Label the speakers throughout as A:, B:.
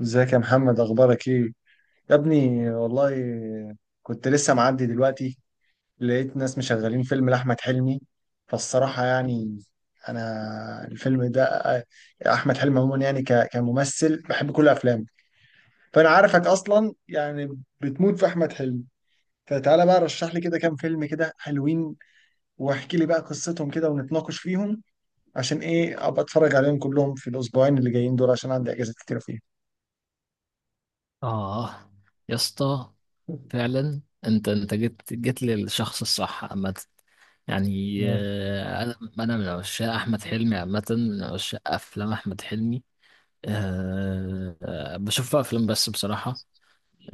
A: ازيك يا محمد، اخبارك ايه يا ابني؟ والله كنت لسه معدي دلوقتي، لقيت ناس مشغلين فيلم لاحمد حلمي. فالصراحه يعني انا الفيلم ده، احمد حلمي عموما يعني كممثل بحب كل افلامه. فانا عارفك اصلا يعني بتموت في احمد حلمي. فتعالى بقى رشح لي كده كام فيلم كده حلوين، واحكي لي بقى قصتهم كده ونتناقش فيهم، عشان ايه ابقى اتفرج عليهم كلهم في الاسبوعين اللي جايين دول، عشان عندي اجازات كتيره فيهم.
B: اه يا اسطى فعلا. انت جيت للشخص الصح عامة. يعني
A: مم.
B: انا من عشاق احمد حلمي عامة، من عشاق افلام احمد حلمي. أه آه، بشوف افلام بس بصراحة.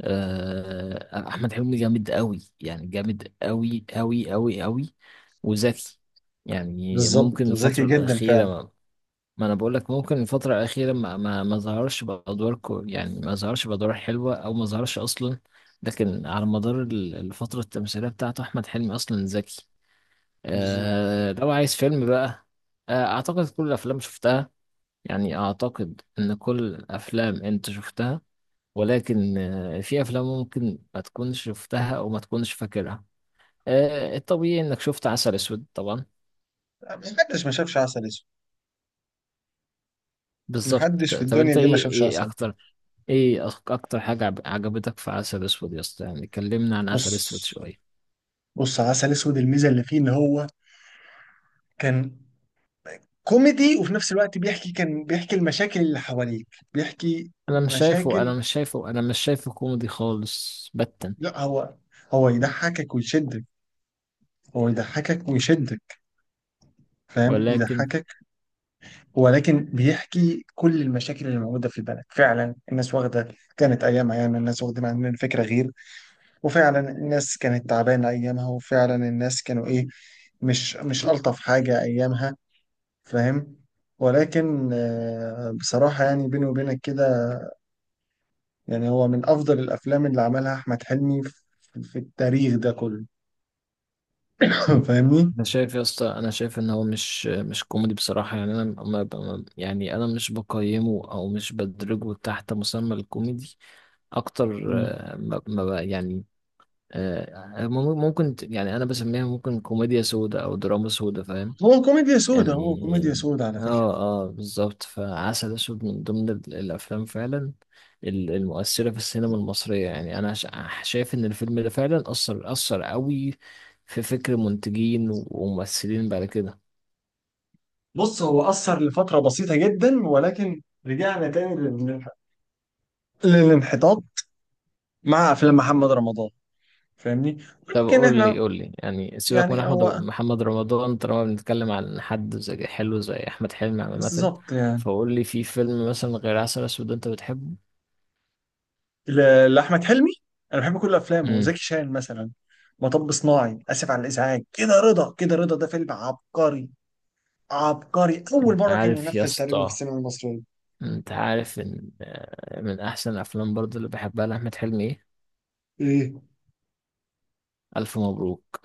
B: احمد حلمي جامد قوي، يعني جامد قوي قوي قوي قوي وذكي. يعني ممكن
A: بالظبط، ذكي
B: الفترة
A: جدا فعلا.
B: الأخيرة، ما انا بقول لك ممكن الفترة الأخيرة ما ظهرش بأدوار يعني ما ظهرش بأدوار حلوة أو ما ظهرش أصلا. لكن على مدار الفترة التمثيلية بتاعته أحمد حلمي أصلا ذكي.
A: بالظبط.
B: لو عايز فيلم بقى، أعتقد كل الأفلام شفتها، يعني أعتقد إن كل الأفلام أنت شفتها، ولكن في أفلام ممكن ما تكونش شفتها أو ما تكونش فاكرها. الطبيعي إنك شفت عسل أسود طبعا.
A: محدش ما شافش عسل اسود. محدش
B: بالظبط،
A: في
B: طب
A: الدنيا
B: انت
A: دي ما
B: ايه
A: شافش
B: ايه
A: عسل.
B: اكتر، ايه اكتر حاجة عجبتك في عسل اسود يا اسطى؟ يعني كلمنا عن عسل
A: بص
B: اسود شوية.
A: بص، عسل اسود الميزه اللي فيه ان هو كان كوميدي، وفي نفس الوقت بيحكي، كان بيحكي المشاكل اللي حواليك، بيحكي
B: انا مش شايفه
A: مشاكل.
B: انا مش شايفه انا مش شايفه كوميدي خالص باتا،
A: لا هو، هو يضحكك ويشدك، هو يضحكك ويشدك، فاهم؟
B: ولكن
A: يضحكك، ولكن بيحكي كل المشاكل اللي موجوده في البلد. فعلا الناس واخده كانت ايامها، يعني الناس واخده عن الفكره غير. وفعلا الناس كانت تعبانة أيامها، وفعلا الناس كانوا إيه، مش ألطف حاجة أيامها، فاهم؟ ولكن بصراحة يعني بيني وبينك كده، يعني هو من أفضل الأفلام اللي عملها أحمد حلمي في التاريخ ده كله. فاهمني؟
B: انا شايف يا اسطى، انا شايف ان هو مش كوميدي بصراحة. يعني انا يعني انا مش بقيمه او مش بدرجه تحت مسمى الكوميدي اكتر.
A: مم.
B: ما ما ب- يعني ممكن يعني انا بسميها ممكن كوميديا سودا او دراما سودا، فاهم
A: هو كوميديا سودا، هو كوميديا
B: يعني؟
A: سودا على فكرة.
B: اه اه بالظبط. فعسل اسود من ضمن الافلام فعلا، المؤثره في السينما المصريه. يعني انا شايف ان الفيلم ده فعلا اثر قوي في فكر منتجين وممثلين بعد كده.
A: بص، هو أثر لفترة بسيطة جدا ولكن رجعنا تاني للانحطاط مع أفلام محمد رمضان. فاهمني؟
B: طب
A: ولكن
B: قول
A: إحنا،
B: لي قول لي يعني سيبك من
A: يعني هو،
B: محمد رمضان، طالما بنتكلم عن حد زي حلو زي احمد حلمي عامه،
A: بالظبط يعني،
B: فقول لي في فيلم مثلا غير عسل اسود انت بتحبه.
A: لأحمد حلمي، أنا بحب كل أفلامه. زكي
B: امم،
A: شان مثلا، مطب صناعي، آسف على الإزعاج كده، رضا كده، رضا ده فيلم عبقري. عبقري، أول
B: انت
A: مرة كان
B: عارف يا
A: ينفذ تقريبا في
B: اسطى،
A: السينما المصرية.
B: انت عارف ان من احسن الافلام برضو اللي بحبها لاحمد حلمي ايه؟
A: إيه؟
B: الف مبروك.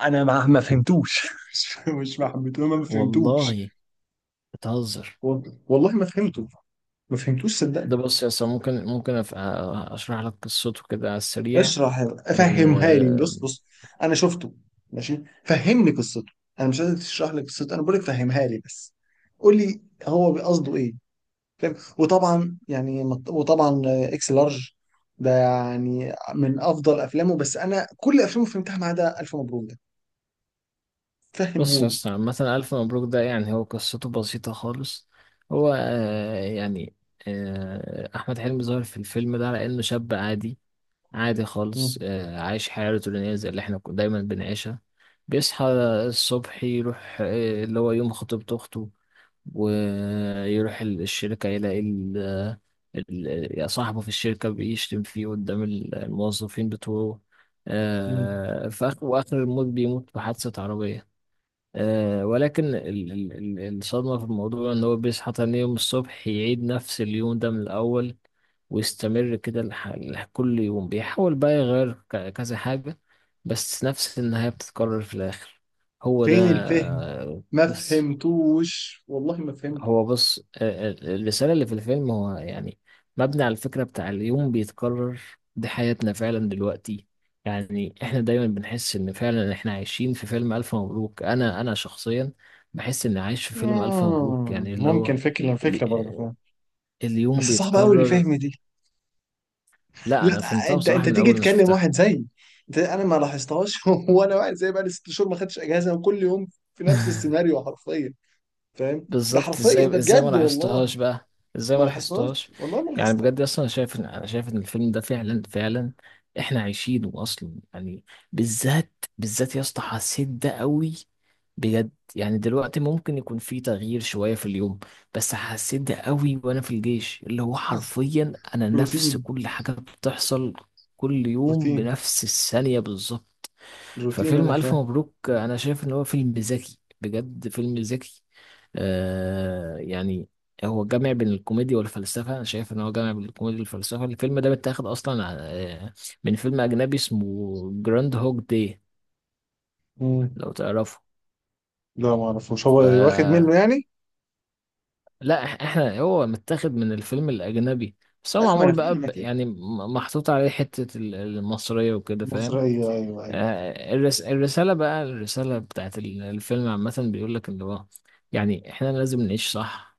A: أنا ما فهمتوش. مش ما حبيتهوش، ما فهمتوش.
B: والله بتهزر.
A: والله ما فهمته، ما فهمتوش صدقني.
B: ده بص يا اسطى، ممكن اشرح لك قصته كده على السريع.
A: اشرح، فهمها لي.
B: آه،
A: بص بص، انا شفته، ماشي، فهمني قصته. انا مش قادر تشرح لي قصته، انا بقول لك فهمها لي بس. قول لي، هو قصده ايه؟ فاهم؟ وطبعا يعني، وطبعا اكس لارج ده يعني من افضل افلامه. بس انا كل افلامه فهمتها ما عدا الف مبروك ده،
B: بص يا
A: فهمهولي.
B: اسطى، مثلا الف مبروك ده، يعني هو قصته بسيطه خالص. هو آه، يعني احمد حلمي ظاهر في الفيلم ده على انه شاب عادي، عادي خالص.
A: مم.
B: عايش حياة روتينية زي اللي احنا دايما بنعيشها. بيصحى الصبح، يروح اللي هو يوم خطيبة أخته، ويروح الشركة، يلاقي ال- صاحبه في الشركة بيشتم فيه قدام الموظفين بتوعه.
A: مم.
B: في آخر وآخر، الموت بيموت في حادثة عربية. ولكن الصدمة في الموضوع إن هو بيصحى تاني يوم الصبح، يعيد نفس اليوم ده من الأول، ويستمر كده كل يوم بيحاول بقى يغير كذا حاجة، بس نفس النهاية بتتكرر في الآخر. هو ده،
A: فين الفهم؟ ما
B: بس.
A: فهمتوش، والله ما فهمت.
B: هو بص، الرسالة اللي في الفيلم، هو يعني مبني على الفكرة بتاع اليوم بيتكرر. دي حياتنا فعلا دلوقتي، يعني احنا دايما بنحس ان فعلا احنا عايشين في فيلم ألف مبروك. انا شخصيا بحس اني عايش في فيلم ألف مبروك،
A: مم.
B: يعني اللي
A: ممكن
B: هو
A: فكرة، فكرة
B: ال-
A: برضه،
B: آه،
A: فاهم؟ بس
B: اليوم
A: صعب قوي
B: بيتكرر.
A: الفهم دي.
B: لا
A: لا،
B: انا فهمتها
A: انت
B: بصراحة
A: انت
B: من
A: تيجي
B: اول ما
A: تكلم
B: شفتها.
A: واحد زيي، انا ما لاحظتهاش. وانا واحد زيي بقالي ست شهور ما خدتش اجازة، وكل يوم في نفس السيناريو حرفيا، فاهم؟ ده
B: بالظبط،
A: حرفيا، ده
B: ازاي ما
A: بجد والله.
B: لاحظتهاش بقى؟ ازاي
A: ما
B: ما
A: لاحظتهاش،
B: لاحظتهاش؟
A: والله ما
B: يعني
A: لاحظتها
B: بجد، اصلا انا شايف ان الفيلم ده فعلا فعلا احنا عايشينه اصلا يعني. بالذات بالذات يا اسطى حسيت ده قوي، بجد. يعني دلوقتي ممكن يكون في تغيير شوية في اليوم، بس حسيت ده قوي وانا في الجيش، اللي هو
A: أصلا.
B: حرفيا انا نفس
A: روتين،
B: كل حاجة بتحصل كل يوم
A: روتين،
B: بنفس الثانية بالظبط.
A: روتين
B: ففيلم
A: انا
B: ألف
A: فاهم.
B: مبروك أنا شايف إن هو فيلم ذكي، بجد فيلم ذكي. يعني هو جامع بين الكوميديا والفلسفة، أنا شايف إن هو جامع بين الكوميديا والفلسفة. الفيلم ده متاخد أصلا آه، من فيلم أجنبي اسمه جراند هوج داي،
A: مم.
B: لو تعرفه.
A: لا، ما اعرفوش هو. واخد
B: ف
A: منه يعني؟
B: لا، إحنا هو متاخد من الفيلم الأجنبي، بس هو
A: ايوه، ما انا
B: معمول بقى
A: فاهم اكيد.
B: يعني محطوط عليه حتة المصرية وكده،
A: مصر،
B: فاهم؟
A: ايوه ايوه ايوه.
B: الرسالة بتاعت الفيلم عامة بيقول لك إن هو يعني إحنا لازم نعيش صح،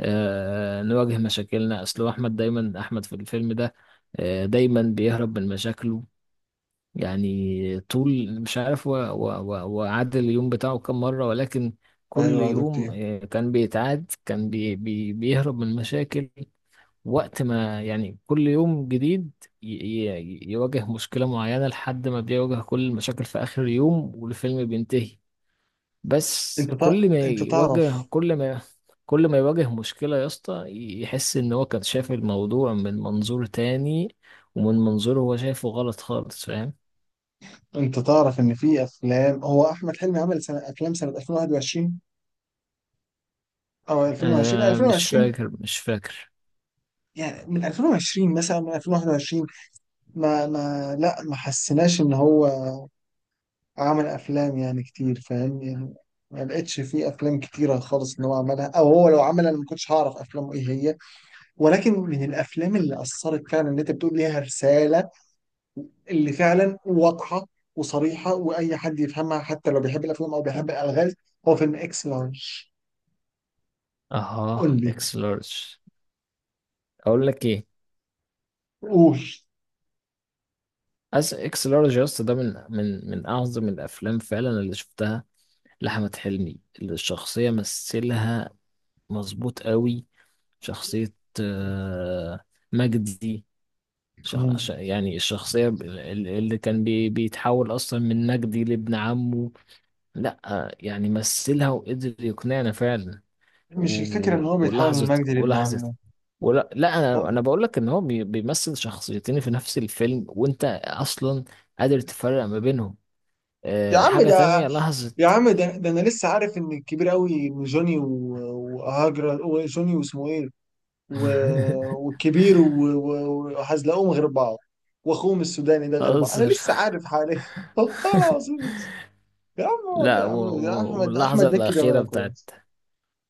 B: نواجه مشاكلنا. أصل هو أحمد، دايما أحمد في الفيلم ده دايما بيهرب من مشاكله. يعني طول، مش عارف هو عاد اليوم بتاعه كم مرة، ولكن كل
A: ايوه، ده
B: يوم
A: كتير.
B: كان بيتعاد، كان بيهرب من مشاكل وقت ما، يعني كل يوم جديد يواجه مشكلة معينة لحد ما بيواجه كل المشاكل في آخر يوم، والفيلم بينتهي. بس
A: انت تع...
B: كل ما
A: انت
B: يواجه
A: تعرف،
B: كل ما كل ما يواجه مشكلة يا اسطى، يحس إن هو كان شايف الموضوع من منظور تاني، ومن منظور هو شايفه غلط خالص، فاهم؟
A: انت تعرف ان في افلام، هو احمد حلمي عمل افلام سنه 2021 او 2020
B: مش
A: 2020
B: فاكر مش فاكر.
A: يعني، من 2020 مثلا، من 2021. ما لا، ما حسيناش ان هو عمل افلام يعني كتير، فاهم يعني؟ ما لقيتش فيه افلام كتيره خالص ان هو عملها، او هو لو عملها انا ما كنتش هعرف افلامه ايه هي. ولكن من الافلام اللي اثرت فعلا، اللي انت بتقول ليها رساله، اللي فعلا واضحه وصريحه، واي حد يفهمها حتى لو بيحب الافلام او بيحب الالغاز، هو فيلم اكس لارج.
B: اها،
A: قول لي،
B: اكس لارج. اقول لك ايه؟
A: قول.
B: اكس لارج يا اسطى، ده من اعظم الافلام فعلا اللي شفتها لأحمد حلمي. الشخصية مثلها مظبوط قوي. شخصية آه، مجدي.
A: مم.
B: يعني الشخصية اللي كان بيتحول أصلا من مجدي لابن عمه. لأ يعني مثلها وقدر يقنعنا فعلا.
A: مش الفكره ان هو بيتحول من
B: ولحظة
A: مجدي لابن
B: ولحظة،
A: عمه؟
B: ولا لا، انا
A: أه.
B: انا بقول لك ان هو بيمثل شخصيتين في نفس الفيلم وانت اصلا قادر تفرق ما بينهم.
A: يا عم
B: حاجة
A: ده،
B: تانية، لحظة.
A: يا عم ده، انا لسه عارف ان الكبير قوي، إن جوني وهاجر وجوني واسمه ايه، والكبير وحزلقوم غير بعض، واخوهم السوداني ده غير بعض. انا
B: بهزر.
A: لسه عارف حاليا. والله العظيم، يا عم هو ده
B: لا،
A: يا عم، يا احمد
B: واللحظة
A: احمد مكي
B: الأخيرة
A: بيعملها
B: بتاعت،
A: كويس.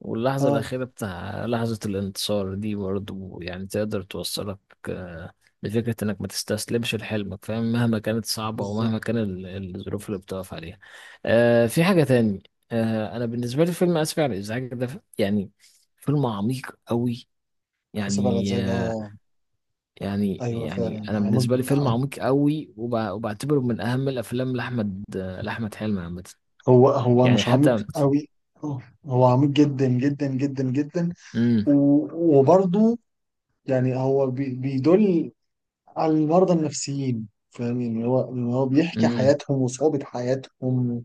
B: واللحظة
A: اه
B: الأخيرة بتاع لحظة الانتصار دي برضو، يعني تقدر توصلك آه، لفكرة إنك ما تستسلمش لحلمك، فاهم؟ مهما كانت صعبة
A: بالظبط.
B: ومهما كان الظروف اللي بتقف عليها. في حاجة تاني. أنا بالنسبة لي فيلم آسف على الإزعاج ده، يعني فيلم عميق قوي.
A: اسف على
B: يعني
A: الازعاج، اه.
B: يعني
A: ايوه
B: يعني
A: فعلا
B: أنا
A: عميق.
B: بالنسبة لي فيلم عميق قوي، وبعتبره من أهم الأفلام لأحمد حلمي عامة.
A: هو
B: يعني
A: مش عميق
B: حتى.
A: قوي، هو عميق جدا جدا جدا جدا.
B: امم
A: وبرضه يعني هو بيدل على المرضى النفسيين، فاهمين؟ اللي هو بيحكي
B: امم
A: حياتهم وصعوبة حياتهم.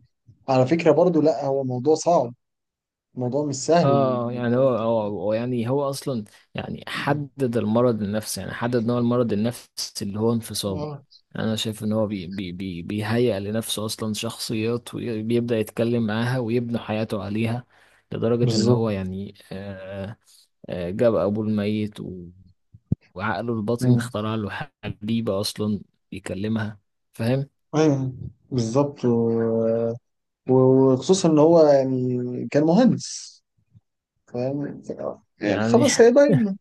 A: على فكرة برضو، لا هو موضوع صعب، موضوع مش سهل،
B: اه يعني هو
A: انت
B: هو
A: فاهم؟
B: هو يعني هو اصلا، يعني حدد المرض النفسي، يعني حدد نوع المرض النفسي، اللي هو انفصام.
A: آه،
B: انا شايف ان هو بي بي بي بيهيئ لنفسه اصلا شخصيات، وبيبدأ يتكلم معاها ويبني حياته عليها، لدرجة ان
A: بالظبط.
B: هو يعني جاب ابوه الميت وعقله الباطن
A: أيوة.
B: اخترع له حبيبة اصلا يكلمها، فاهم
A: أيوة، بالظبط. وخصوصا ان هو يعني كان مهندس، فاهم؟ يعني
B: يعني؟
A: خلاص هي باينة،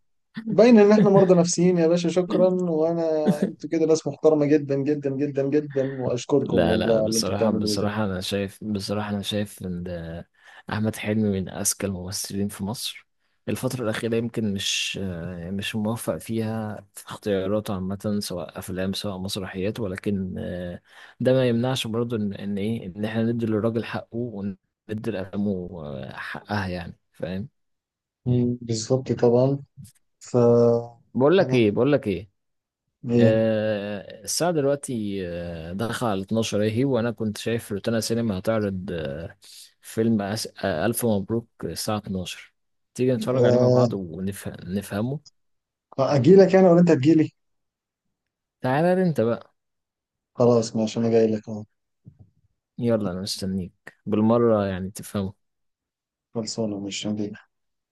A: باينة ان احنا مرضى نفسيين يا باشا، شكرا. وانا، انتوا كده ناس محترمة جدا جدا جدا جدا، واشكركم
B: لا
A: والله
B: لا،
A: على اللي انتوا
B: بصراحة
A: بتعملوه ده.
B: بصراحة، أنا شايف إن ده أحمد حلمي من أذكى الممثلين في مصر. الفترة الأخيرة يمكن مش موفق فيها في اختياراته عامة، سواء أفلام سواء مسرحيات، ولكن ده ما يمنعش برضه إن إحنا ندي للراجل حقه وندي لأفلامه حقها، يعني فاهم؟
A: بالظبط طبعا. ف
B: بقول لك
A: انا
B: إيه بقول لك إيه
A: ايه؟
B: الساعة دلوقتي داخلة على 12 اهي، وانا كنت شايف روتانا سينما هتعرض فيلم ألف مبروك الساعة 12. تيجي نتفرج عليه مع
A: أه...
B: بعض ونفهمه؟
A: اجي لك انا ولا انت تجي لي؟
B: تعالى انت بقى.
A: خلاص ماشي، انا جاي لك اهو.
B: يلا، انا مستنيك بالمرة، يعني تفهمه.
A: خلصانه، مش هجي.